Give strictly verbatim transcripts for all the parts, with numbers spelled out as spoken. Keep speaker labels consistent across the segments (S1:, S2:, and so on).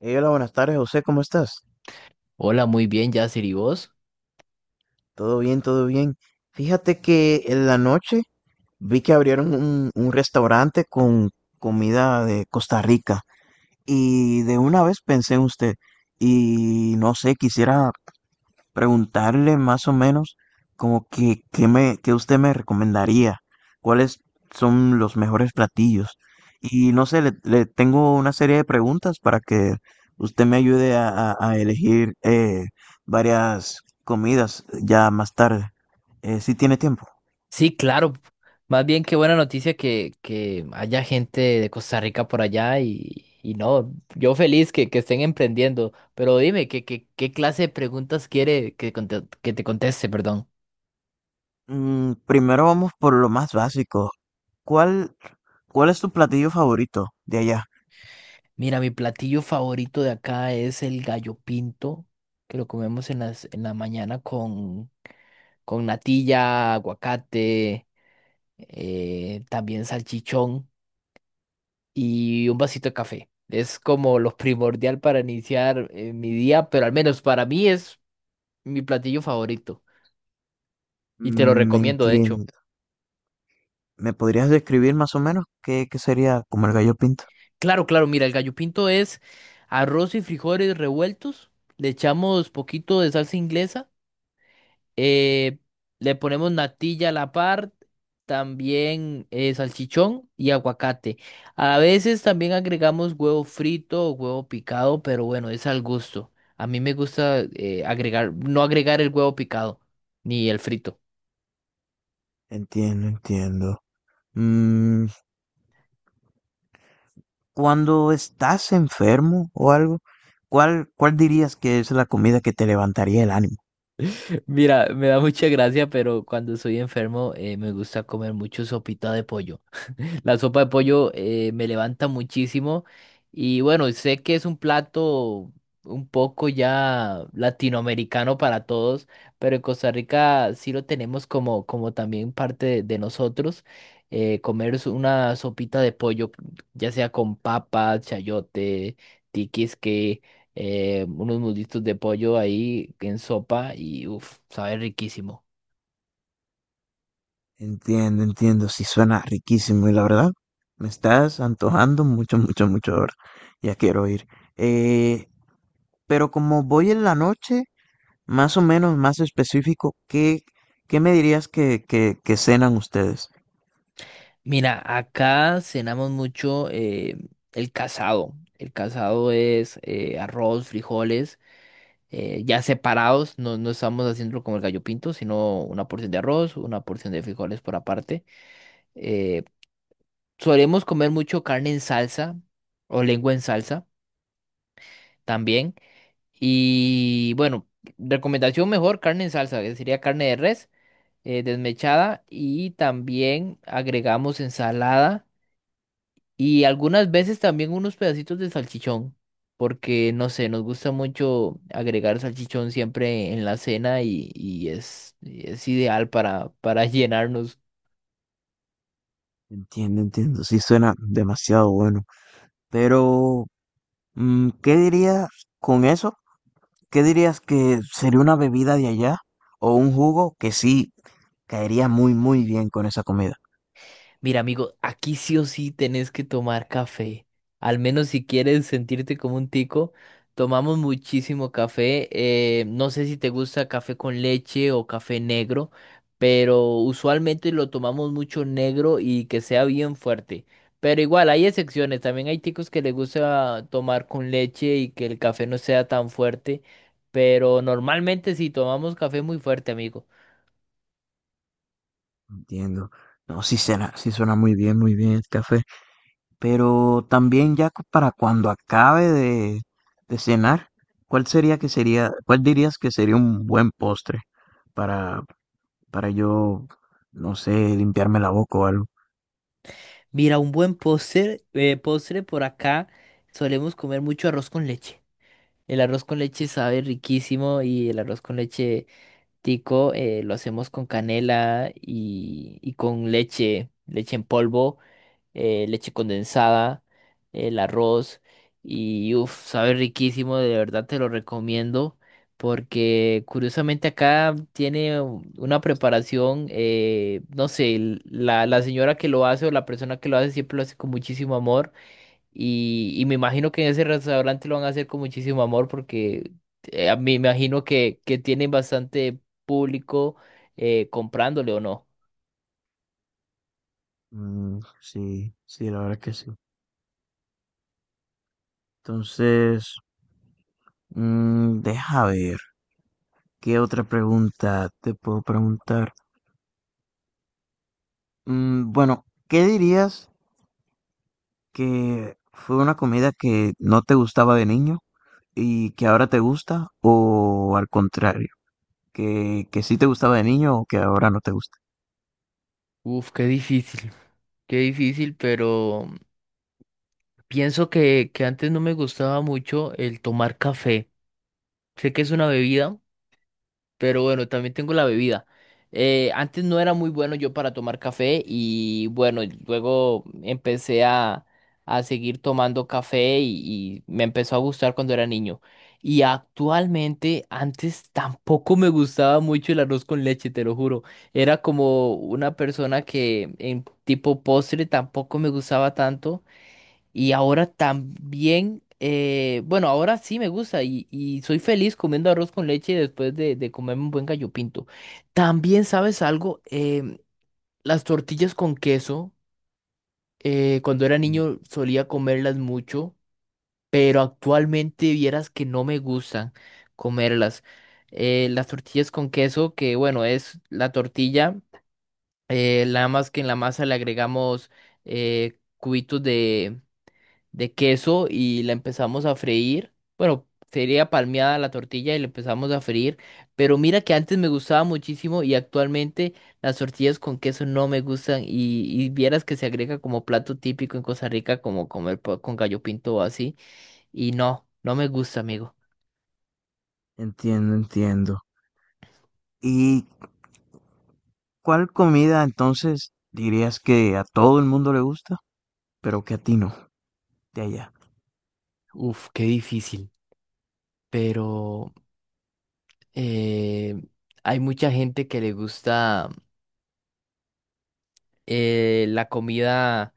S1: Eh, Hola, buenas tardes, José, ¿cómo estás?
S2: Hola, muy bien, Yasir, ¿y vos?
S1: Todo bien, todo bien. Fíjate que en la noche vi que abrieron un, un restaurante con comida de Costa Rica y de una vez pensé en usted y no sé, quisiera preguntarle más o menos como que, que me, que usted me recomendaría, cuáles son los mejores platillos. Y no sé, le, le tengo una serie de preguntas para que usted me ayude a, a- a elegir eh, varias comidas ya más tarde, eh, si tiene tiempo.
S2: Sí, claro. Más bien qué buena noticia que, que haya gente de Costa Rica por allá y, y no, yo feliz que, que estén emprendiendo. Pero dime, ¿qué, qué, qué clase de preguntas quiere que, conte- que te conteste, perdón?
S1: Mm, primero vamos por lo más básico. ¿Cuál, cuál es tu platillo favorito de allá?
S2: Mira, mi platillo favorito de acá es el gallo pinto, que lo comemos en las, en la mañana con, con natilla, aguacate, eh, también salchichón y un vasito de café. Es como lo primordial para iniciar eh, mi día, pero al menos para mí es mi platillo favorito, y te lo
S1: Mm, me
S2: recomiendo, de hecho.
S1: entiendo. ¿Me podrías describir más o menos qué, qué sería como el gallo pinto?
S2: Claro, claro, mira, el gallo pinto es arroz y frijoles revueltos, le echamos poquito de salsa inglesa, eh, le ponemos natilla a la par, también eh, salchichón y aguacate. A veces también agregamos huevo frito o huevo picado, pero bueno, es al gusto. A mí me gusta eh, agregar, no agregar el huevo picado ni el frito.
S1: Entiendo, entiendo. Mm, cuando estás enfermo o algo, ¿cuál, cuál dirías que es la comida que te levantaría el ánimo?
S2: Mira, me da mucha gracia, pero cuando soy enfermo eh, me gusta comer mucho sopita de pollo. La sopa de pollo eh, me levanta muchísimo y bueno, sé que es un plato un poco ya latinoamericano para todos, pero en Costa Rica sí lo tenemos como, como también parte de, de nosotros. Eh, comer es una sopita de pollo, ya sea con papa, chayote, tiquisque, eh, unos muslitos de pollo ahí en sopa y uff, sabe riquísimo.
S1: Entiendo, entiendo, sí suena riquísimo y la verdad, me estás antojando mucho, mucho, mucho ahora. Ya quiero ir. Eh, pero como voy en la noche, más o menos, más específico, ¿qué, qué me dirías que, que, que cenan ustedes?
S2: Mira, acá cenamos mucho, eh, el casado. El casado es eh, arroz, frijoles, eh, ya separados, no, no estamos haciendo como el gallo pinto, sino una porción de arroz, una porción de frijoles por aparte. Eh, Solemos comer mucho carne en salsa o lengua en salsa también. Y bueno, recomendación mejor, carne en salsa, que sería carne de res, eh, desmechada, y también agregamos ensalada y algunas veces también unos pedacitos de salchichón, porque no sé, nos gusta mucho agregar salchichón siempre en la cena y, y es, y es ideal para, para llenarnos.
S1: Entiendo, entiendo, sí suena demasiado bueno. Pero, mm, ¿qué dirías con eso? ¿Qué dirías que sería una bebida de allá o un jugo que sí caería muy, muy bien con esa comida?
S2: Mira, amigo, aquí sí o sí tenés que tomar café. Al menos si quieres sentirte como un tico, tomamos muchísimo café. Eh, no sé si te gusta café con leche o café negro, pero usualmente lo tomamos mucho negro y que sea bien fuerte. Pero igual, hay excepciones. También hay ticos que les gusta tomar con leche y que el café no sea tan fuerte. Pero normalmente sí tomamos café muy fuerte, amigo.
S1: Entiendo. No, sí suena, sí suena muy bien, muy bien el café. Pero también ya cu- para cuando acabe de, de cenar, ¿cuál sería que sería, cuál dirías que sería un buen postre para, para yo, no sé, limpiarme la boca o algo?
S2: Mira, un buen postre, eh, postre por acá solemos comer mucho arroz con leche. El arroz con leche sabe riquísimo, y el arroz con leche tico eh, lo hacemos con canela y, y con leche, leche en polvo, eh, leche condensada, el arroz, y uff, sabe riquísimo, de verdad te lo recomiendo, porque curiosamente acá tiene un- una preparación, eh, no sé, l- la, la señora que lo hace o la persona que lo hace siempre lo hace con muchísimo amor, y, y me imagino que en ese restaurante lo van a hacer con muchísimo amor, porque eh, a mí me imagino que, que tienen bastante público eh, comprándole o no.
S1: Mm, sí, sí, la verdad que sí. Entonces, mm, deja ver, ¿qué otra pregunta te puedo preguntar? Mm, bueno, ¿qué dirías que fue una comida que no te gustaba de niño y que ahora te gusta? ¿O al contrario, que, que sí te gustaba de niño o que ahora no te gusta?
S2: Uf, qué difícil, qué difícil, pero pienso que, que antes no me gustaba mucho el tomar café. Sé que es una bebida, pero bueno, también tengo la bebida. Eh, antes no era muy bueno yo para tomar café, y bueno, luego empecé a, a seguir tomando café y, y me empezó a gustar cuando era niño. Y actualmente antes tampoco me gustaba mucho el arroz con leche, te lo juro. Era como una persona que en tipo postre tampoco me gustaba tanto. Y ahora también, eh, bueno, ahora sí me gusta y, y soy feliz comiendo arroz con leche después de, de comerme un buen gallo pinto. También, ¿sabes algo? Em, las tortillas con queso, eh, cuando era
S1: Mm,
S2: niño solía comerlas mucho, pero actualmente vieras que no me gustan comerlas. Eh, las tortillas con queso, que bueno, es la tortilla, eh, nada más que en la masa le agregamos eh, cubitos de queso y la empezamos a freír. Bueno, sería palmeada la tortilla y la empezamos a freír. Pero mira que antes me gustaba muchísimo y actualmente las tortillas con queso no me gustan. Y, y vieras que se agrega como plato típico en Costa Rica, como comer po- con gallo pinto o así. Y no, no me gusta, amigo.
S1: entiendo, entiendo. ¿Y cuál comida entonces dirías que a todo el mundo le gusta, pero que a ti no, de allá?
S2: Uf, qué difícil, pero eh, hay mucha gente que le gusta eh, la comida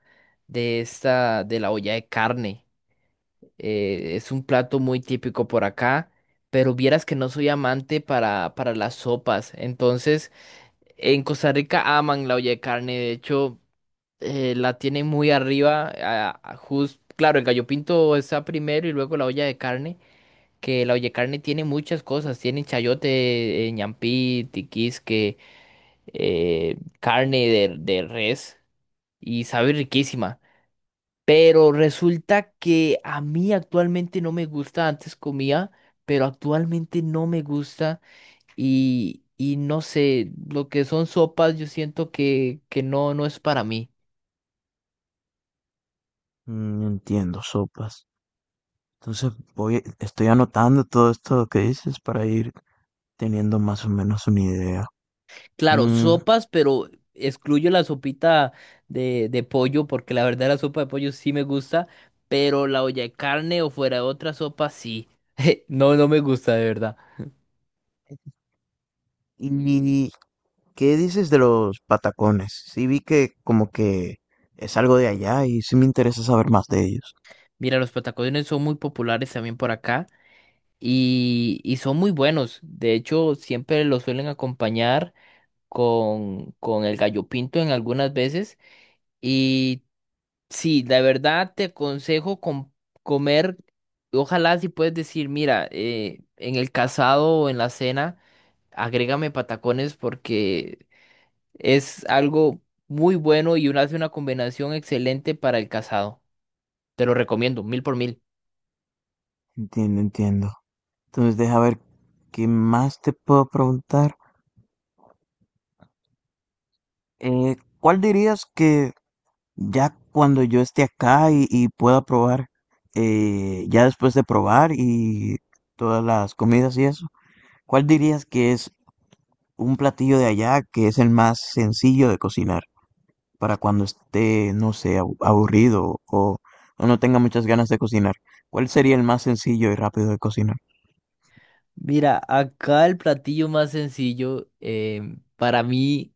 S2: de esta, de la olla de carne. Eh, es un plato muy típico por acá, pero vieras que no soy amante para, para las sopas. Entonces, en Costa Rica aman la olla de carne, de hecho, eh, la tienen muy arriba. A- a jus- claro, el gallo pinto está primero y luego la olla de carne, que la olla de carne tiene muchas cosas, tiene chayote, eh, ñampí, tiquisque, eh, carne de, de res, y sabe riquísima. Pero resulta que a mí actualmente no me gusta, antes comía, pero actualmente no me gusta, y, y no sé, lo que son sopas yo siento que, que no, no es para mí.
S1: Mm, entiendo, sopas. Entonces voy, estoy anotando todo esto que dices para ir teniendo más o menos una idea.
S2: Claro,
S1: Mm,
S2: sopas, pero excluyo la sopita de, de pollo, porque la verdad la sopa de pollo sí me gusta, pero la olla de carne o fuera de otra sopa sí. No, no me gusta de verdad.
S1: ¿y qué dices de los patacones? Sí vi que como que es algo de allá y sí me interesa saber más de ellos.
S2: Mira, los patacones son muy populares también por acá, y, y son muy buenos. De hecho, siempre los suelen acompañar con, con el gallo pinto en algunas veces. Y sí, la verdad te aconsejo com- comer, ojalá si puedes decir, mira, eh, en el casado o en la cena, agrégame patacones, porque es algo muy bueno y una, hace una combinación excelente para el casado. Te lo recomiendo, mil por mil.
S1: Entiendo, entiendo. Entonces deja ver qué más te puedo preguntar. Eh, ¿cuál dirías que ya cuando yo esté acá y, y pueda probar, eh, ya después de probar y todas las comidas y eso, ¿cuál dirías que es un platillo de allá que es el más sencillo de cocinar para cuando esté, no sé, abu- aburrido o, o no tenga muchas ganas de cocinar? ¿Cuál sería el más sencillo y rápido de cocinar?
S2: Mira, acá el platillo más sencillo, em, para mí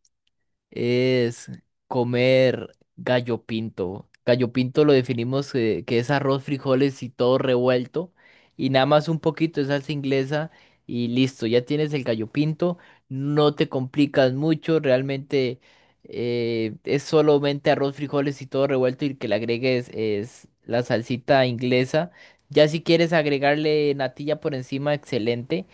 S2: es comer gallo pinto. Gallo pinto lo definimos eh, que es arroz, frijoles y todo revuelto. Y nada más un poquito de salsa inglesa y listo, ya tienes el gallo pinto. No te complicas mucho, realmente eh, es solamente arroz, frijoles y todo revuelto y que le agregues es la salsita inglesa. Ya si quieres agregarle natilla por encima, excelente.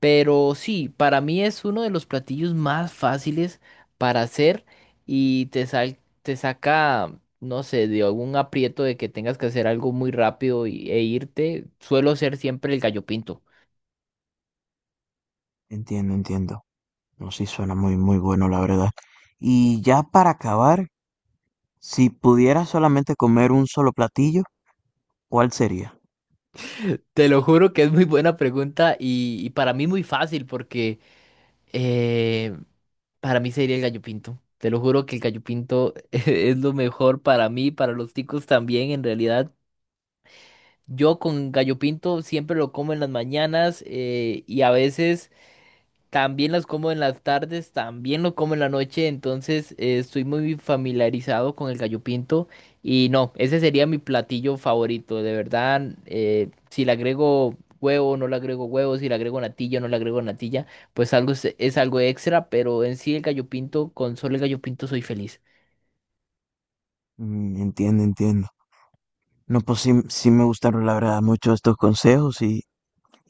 S2: Pero sí, para mí es uno de los platillos más fáciles para hacer, y te sal- te saca, no sé, de algún aprieto de que tengas que hacer algo muy rápido y- e irte, suelo ser siempre el gallo pinto.
S1: Entiendo, entiendo. No, sí, suena muy, muy bueno, la verdad. Y ya para acabar, si pudieras solamente comer un solo platillo, ¿cuál sería?
S2: Te lo juro que es muy buena pregunta y, y para mí muy fácil, porque eh, para mí sería el gallo pinto. Te lo juro que el gallo pinto es lo mejor para mí, para los ticos también en realidad. Yo con gallo pinto siempre lo como en las mañanas, eh, y a veces... También las como en las tardes, también lo como en la noche, entonces eh, estoy muy familiarizado con el gallo pinto, y no, ese sería mi platillo favorito, de verdad, eh, si le agrego huevo, no le agrego huevo, si le agrego natilla, no le agrego natilla, pues algo es, es algo extra, pero en sí el gallo pinto, con solo el gallo pinto soy feliz.
S1: Mm, entiendo, entiendo. No, pues sí, sí me gustaron, la verdad, mucho estos consejos. Y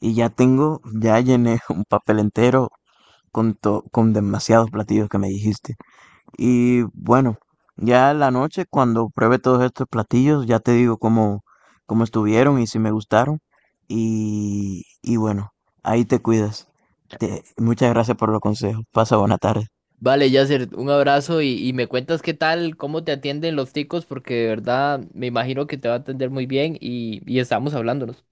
S1: ya tengo, ya llené un papel entero con, to- con demasiados platillos que me dijiste. Y bueno, ya en la noche, cuando pruebe todos estos platillos, ya te digo cómo, cómo estuvieron y si me gustaron. Y, y bueno, ahí te cuidas. Te- muchas gracias por los consejos. Pasa buena tarde.
S2: Vale, Yasser, un abrazo y, y me cuentas qué tal, cómo te atienden los ticos, porque de verdad me imagino que te va a atender muy bien y, y estamos hablándonos.